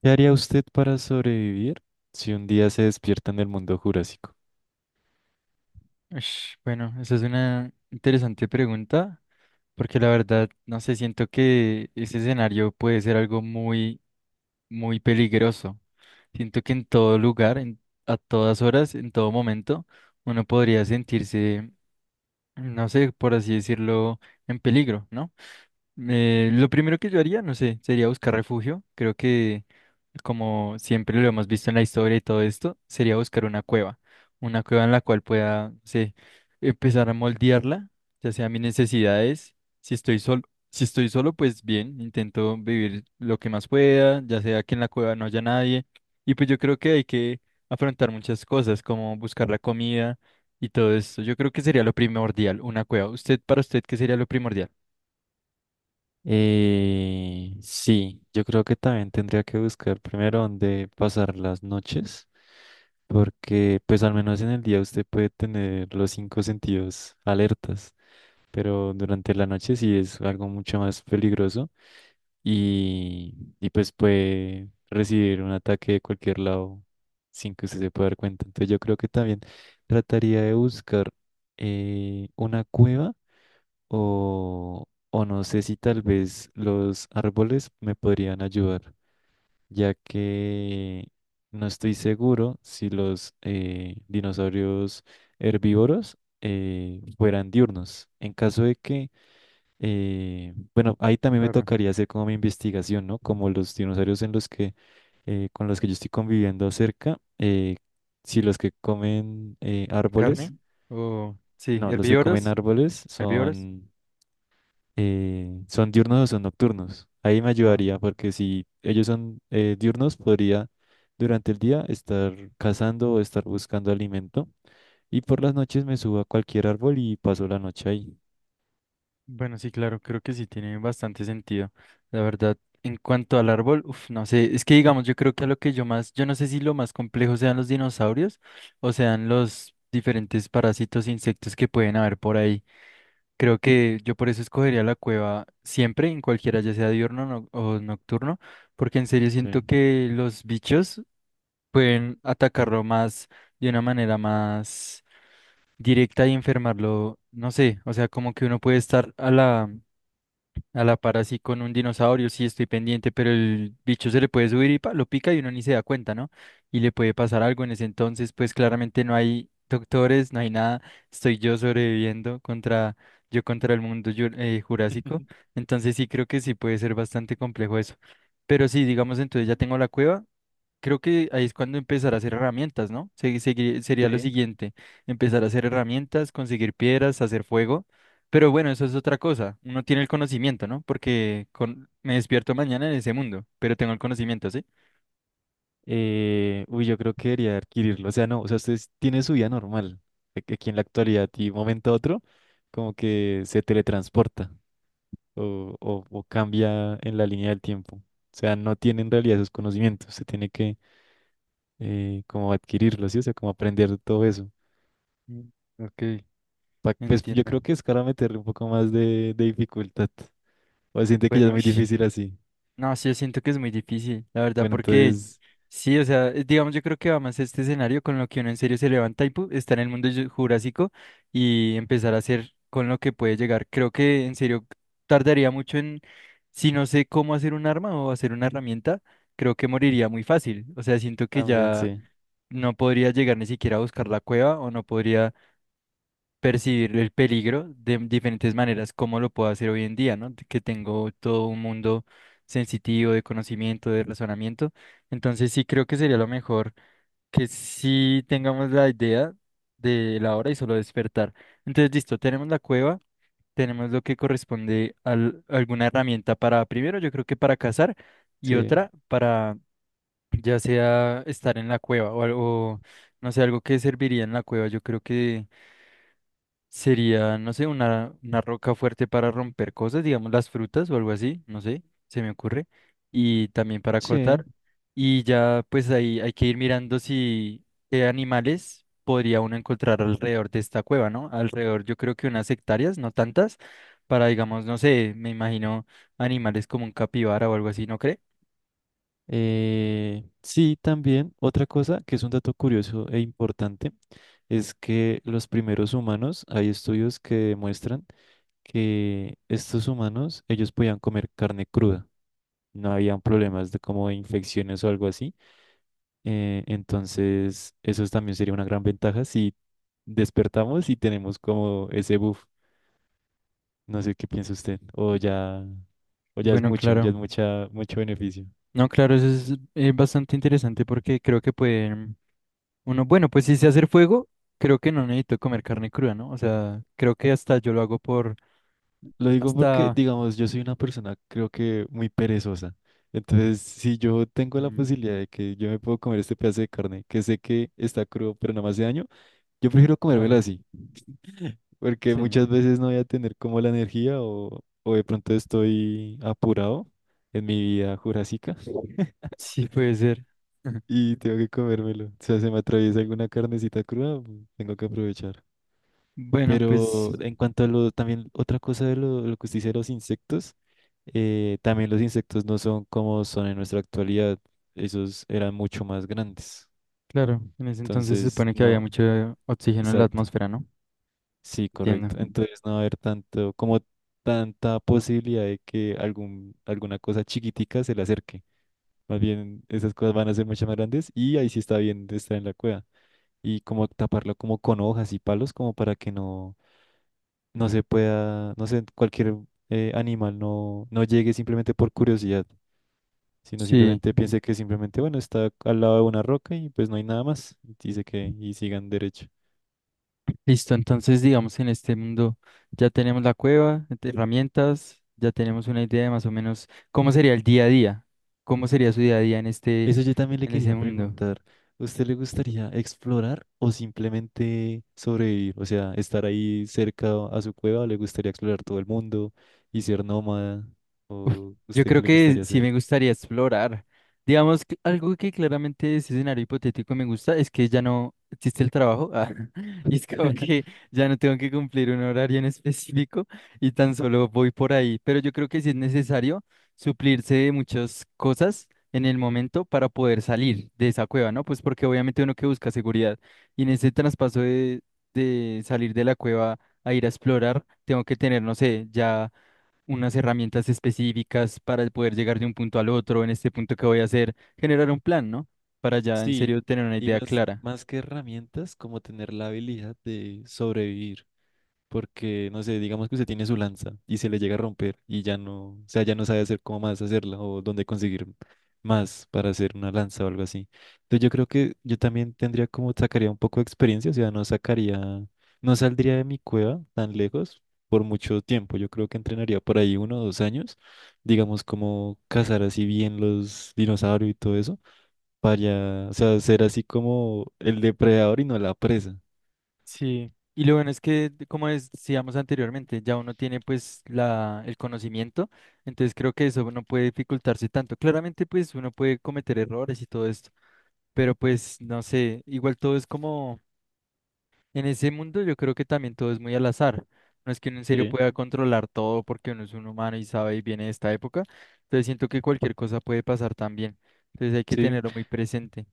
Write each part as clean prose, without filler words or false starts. ¿Qué haría usted para sobrevivir si un día se despierta en el mundo jurásico? Bueno, esa es una interesante pregunta, porque la verdad, no sé, siento que ese escenario puede ser algo muy peligroso. Siento que en todo lugar, a todas horas, en todo momento, uno podría sentirse, no sé, por así decirlo, en peligro, ¿no? Lo primero que yo haría, no sé, sería buscar refugio. Creo que, como siempre lo hemos visto en la historia y todo esto, sería buscar una cueva. Una cueva en la cual pueda, no sé, empezar a moldearla, ya sea mis necesidades. Si estoy solo, si estoy solo, pues bien, intento vivir lo que más pueda, ya sea que en la cueva no haya nadie. Y pues yo creo que hay que afrontar muchas cosas, como buscar la comida y todo esto. Yo creo que sería lo primordial, una cueva. ¿Usted, para usted, qué sería lo primordial? Sí, yo creo que también tendría que buscar primero dónde pasar las noches, porque pues al menos en el día usted puede tener los cinco sentidos alertas, pero durante la noche sí es algo mucho más peligroso y pues puede recibir un ataque de cualquier lado sin que usted se pueda dar cuenta. Entonces yo creo que también trataría de buscar una cueva o, o no sé si tal vez los árboles me podrían ayudar, ya que no estoy seguro si los dinosaurios herbívoros fueran diurnos. En caso de que, bueno, ahí también me tocaría hacer como mi investigación, ¿no? Como los dinosaurios en los que, con los que yo estoy conviviendo cerca, si los que comen árboles, ¿Carne? O sí, no, los que comen herbívoros, árboles herbívoros. son ¿son diurnos o son nocturnos? Ahí me Ah, ayudaría porque si ellos son diurnos, podría durante el día estar cazando o estar buscando alimento y por las noches me subo a cualquier árbol y paso la noche ahí. bueno, sí, claro, creo que sí tiene bastante sentido. La verdad, en cuanto al árbol, uf, no sé, es que digamos, yo creo que a lo que yo más, yo no sé si lo más complejo sean los dinosaurios o sean los diferentes parásitos, e insectos que pueden haber por ahí. Creo que yo por eso escogería la cueva siempre, en cualquiera, ya sea diurno no- o nocturno, porque en serio siento Sí. que los bichos pueden atacarlo más de una manera más directa y enfermarlo, no sé, o sea, como que uno puede estar a la par así con un dinosaurio, sí estoy pendiente, pero el bicho se le puede subir y pa, lo pica y uno ni se da cuenta, ¿no? Y le puede pasar algo en ese entonces, pues claramente no hay doctores, no hay nada, estoy yo sobreviviendo contra, yo contra el mundo jurásico, entonces sí creo que sí puede ser bastante complejo eso. Pero sí, digamos, entonces ya tengo la cueva. Creo que ahí es cuando empezar a hacer herramientas, ¿no? Sería lo Sí. siguiente, empezar a hacer herramientas, conseguir piedras, hacer fuego. Pero bueno, eso es otra cosa. Uno tiene el conocimiento, ¿no? Porque con, me despierto mañana en ese mundo, pero tengo el conocimiento, ¿sí? Uy, yo creo que debería adquirirlo. O sea, no, o sea, usted tiene su vida normal. Que Aquí en la actualidad y un momento a otro, como que se teletransporta o cambia en la línea del tiempo. O sea, no tiene en realidad esos conocimientos. Se tiene que como adquirirlo, ¿sí? O sea, como aprender todo eso. Mm, ok, Pues yo entiendo. creo que es para meterle un poco más de dificultad. O siente que ya Bueno, es muy difícil así. no, sí, yo siento que es muy difícil, la verdad, Bueno, porque entonces, sí, o sea, digamos, yo creo que va más este escenario con lo que uno en serio se levanta y pu, está en el mundo jurásico y empezar a hacer con lo que puede llegar. Creo que en serio tardaría mucho en, si no sé cómo hacer un arma o hacer una herramienta, creo que moriría muy fácil. O sea, siento que también ya sí. no podría llegar ni siquiera a buscar la cueva o no podría percibir el peligro de diferentes maneras, como lo puedo hacer hoy en día, ¿no? Que tengo todo un mundo sensitivo de conocimiento, de razonamiento. Entonces sí creo que sería lo mejor que sí tengamos la idea de la hora y solo despertar. Entonces, listo, tenemos la cueva, tenemos lo que corresponde a alguna herramienta para, primero, yo creo que para cazar y Sí, otra para ya sea estar en la cueva o algo, no sé, algo que serviría en la cueva. Yo creo que... Sería, no sé, una roca fuerte para romper cosas, digamos las frutas o algo así, no sé, se me ocurre. Y también para cortar. sí. Y ya pues ahí hay que ir mirando si qué animales podría uno encontrar alrededor de esta cueva, ¿no? Alrededor yo creo que unas hectáreas, no tantas, para digamos, no sé, me imagino animales como un capibara o algo así, ¿no cree? Sí, también otra cosa que es un dato curioso e importante es que los primeros humanos, hay estudios que demuestran que estos humanos, ellos podían comer carne cruda, no habían problemas de como de infecciones o algo así. Entonces, eso también sería una gran ventaja si despertamos y tenemos como ese buff. No sé qué piensa usted. O ya es Bueno, mucho, ya es claro. mucho beneficio. No, claro, eso es bastante interesante porque creo que pueden... Uno, bueno, pues si sé hacer fuego, creo que no necesito comer carne cruda, ¿no? O sea, creo que hasta yo lo hago por, Lo digo porque, hasta, digamos, yo soy una persona creo que muy perezosa. Entonces, si yo tengo la mm, posibilidad de que yo me puedo comer este pedazo de carne, que sé que está crudo, pero no me hace daño, yo prefiero comérmelo claro, así, porque sí, muchas veces no voy a tener como la energía o de pronto estoy apurado en mi vida jurásica. sí puede ser. Y tengo que comérmelo. O sea, se me atraviesa alguna carnecita cruda, pues, tengo que aprovechar. Bueno, pues, Pero en cuanto a también otra cosa de lo que usted dice de los insectos, también los insectos no son como son en nuestra actualidad. Esos eran mucho más grandes. claro, en ese entonces se Entonces, supone que había no, mucho oxígeno en la exacto. atmósfera, ¿no? Sí, Entiendo. correcto. Entonces no va a haber tanto, como tanta posibilidad de que alguna cosa chiquitica se le acerque. Más bien, esas cosas van a ser mucho más grandes y ahí sí está bien de estar en la cueva. Y como taparlo como con hojas y palos como para que no, no se pueda, no sé, cualquier animal no, no llegue simplemente por curiosidad, sino Sí, simplemente piense que simplemente, bueno, está al lado de una roca y pues no hay nada más, dice que y sigan derecho. listo. Entonces, digamos, en este mundo ya tenemos la cueva, este, herramientas, ya tenemos una idea de más o menos cómo sería el día a día, cómo sería su día a día en este, Eso yo también le en quería ese mundo. preguntar, ¿usted le gustaría explorar o simplemente sobrevivir? O sea, estar ahí cerca a su cueva, ¿o le gustaría explorar todo el mundo y ser nómada? Uf, ¿O yo usted qué creo le que gustaría sí hacer? me gustaría explorar. Digamos, que algo que claramente de ese escenario hipotético me gusta es que ya no existe el trabajo. Ah, y es como que ya no tengo que cumplir un horario en específico y tan solo voy por ahí. Pero yo creo que sí es necesario suplirse de muchas cosas en el momento para poder salir de esa cueva, ¿no? Pues porque obviamente uno que busca seguridad y en ese traspaso de salir de la cueva a ir a explorar, tengo que tener, no sé, ya unas herramientas específicas para poder llegar de un punto al otro, en este punto que voy a hacer, generar un plan, ¿no? Para ya en Sí, serio tener una y idea clara. más que herramientas, como tener la habilidad de sobrevivir, porque, no sé, digamos que usted tiene su lanza y se le llega a romper y ya no, o sea, ya no sabe hacer cómo más hacerla o dónde conseguir más para hacer una lanza o algo así. Entonces yo creo que yo también tendría como, sacaría un poco de experiencia, o sea, no saldría de mi cueva tan lejos por mucho tiempo. Yo creo que entrenaría por ahí uno o dos años, digamos, como cazar así bien los dinosaurios y todo eso para, o sea, ser así como el depredador y no la presa. Sí, y lo bueno es que, como decíamos anteriormente, ya uno tiene pues la, el conocimiento, entonces creo que eso no puede dificultarse tanto. Claramente pues uno puede cometer errores y todo esto, pero pues no sé, igual todo es como en ese mundo yo creo que también todo es muy al azar. No es que uno en serio Sí, pueda controlar todo porque uno es un humano y sabe y viene de esta época. Entonces siento que cualquier cosa puede pasar también. Entonces hay que sí. tenerlo muy presente.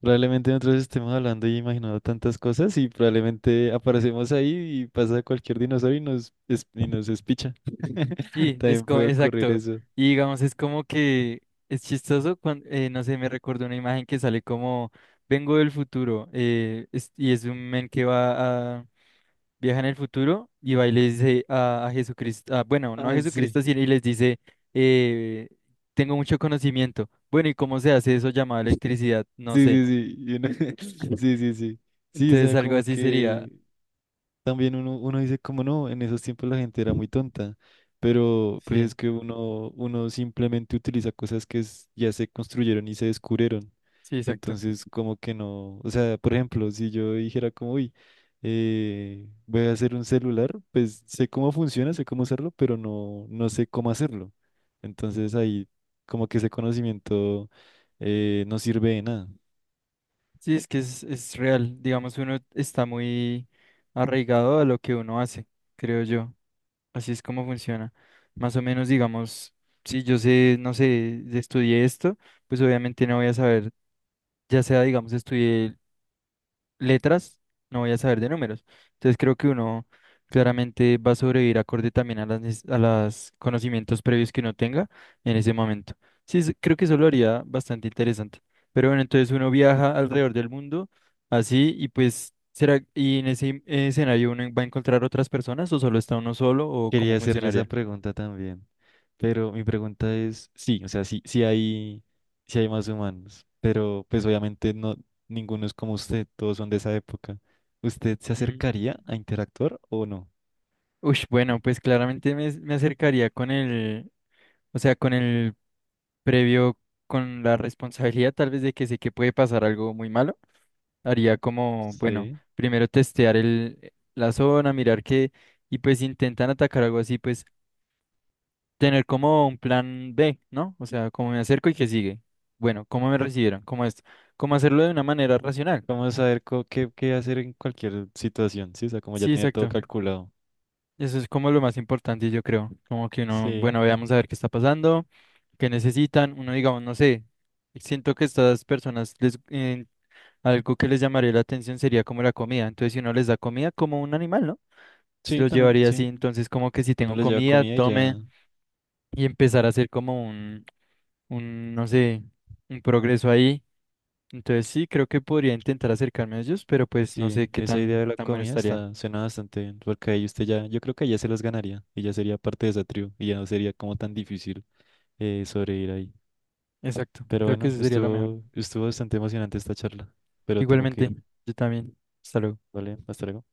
Probablemente nosotros estemos hablando y imaginando tantas cosas y probablemente aparecemos ahí y pasa cualquier dinosaurio y nos espicha. Sí, También puede ocurrir exacto. eso. Y digamos, es como que es chistoso cuando, no sé, me recuerdo una imagen que sale como, vengo del futuro y es un men que va a, viaja en el futuro y va y le dice a Jesucristo, ah, bueno, no a Ah, sí. Jesucristo, sino y les dice, eh, tengo mucho conocimiento. Bueno, ¿y cómo se hace eso llamado electricidad? No Sí, sé. sí, sí. Sí, sí, sí. Sí, o Entonces sea, algo como así sería. que también uno dice como no, en esos tiempos la gente era muy tonta, pero pues Sí, es que uno simplemente utiliza cosas que ya se construyeron y se descubrieron. sí, exacto. Entonces, como que no, o sea, por ejemplo, si yo dijera como, uy, voy a hacer un celular, pues sé cómo funciona, sé cómo hacerlo, pero no, no sé cómo hacerlo. Entonces ahí como que ese conocimiento no sirve de nada. Sí, es que es real. Digamos, uno está muy arraigado a lo que uno hace, creo yo. Así es como funciona. Más o menos, digamos, si yo sé, no sé, estudié esto, pues obviamente no voy a saber, ya sea, digamos, estudié letras, no voy a saber de números. Entonces creo que uno claramente va a sobrevivir acorde también a a los conocimientos previos que uno tenga en ese momento. Creo que eso lo haría bastante interesante. Pero bueno, entonces uno viaja alrededor del mundo así y pues será, ¿y en ese escenario uno va a encontrar otras personas o solo está uno solo o cómo Quería hacerle esa funcionaría? pregunta también, pero mi pregunta es, sí, o sea, sí hay más humanos, pero pues obviamente no, ninguno es como usted, todos son de esa época. ¿Usted se Mm. acercaría a interactuar o no? Ush, bueno, pues claramente me acercaría con el, o sea, con el previo con la responsabilidad tal vez de que sé que puede pasar algo muy malo, haría como, bueno, Sí. primero testear el, la zona, mirar que, y pues si intentan atacar algo así, pues tener como un plan B, ¿no? O sea, cómo me acerco y qué sigue. Bueno, cómo me recibieron, cómo esto, cómo hacerlo de una manera racional. Vamos a saber co- qué, qué hacer en cualquier situación, sí, o sea, como ya Sí, tener todo exacto. calculado. Eso es como lo más importante, yo creo. Como que uno, Sí, bueno, veamos a ver qué está pasando, qué necesitan. Uno, digamos, no sé, siento que estas personas les, algo que les llamaría la atención sería como la comida. Entonces, si uno les da comida como un animal, ¿no? Se sí, los también, llevaría así. sí. Entonces, como que si Uno tengo les lleva comida, comida y tome ya. y empezar a hacer como un, no sé, un progreso ahí. Entonces, sí, creo que podría intentar acercarme a ellos, pero pues no Sí, sé qué esa idea de la tan bueno comida estaría. está, suena bastante bien, porque ahí usted ya, yo creo que ya se los ganaría y ya sería parte de esa tribu y ya no sería como tan difícil sobrevivir ahí. Exacto, Pero creo que bueno, eso sería lo mejor. Estuvo bastante emocionante esta charla, pero tengo que Igualmente, irme, yo también. Hasta luego. ¿vale? Hasta luego.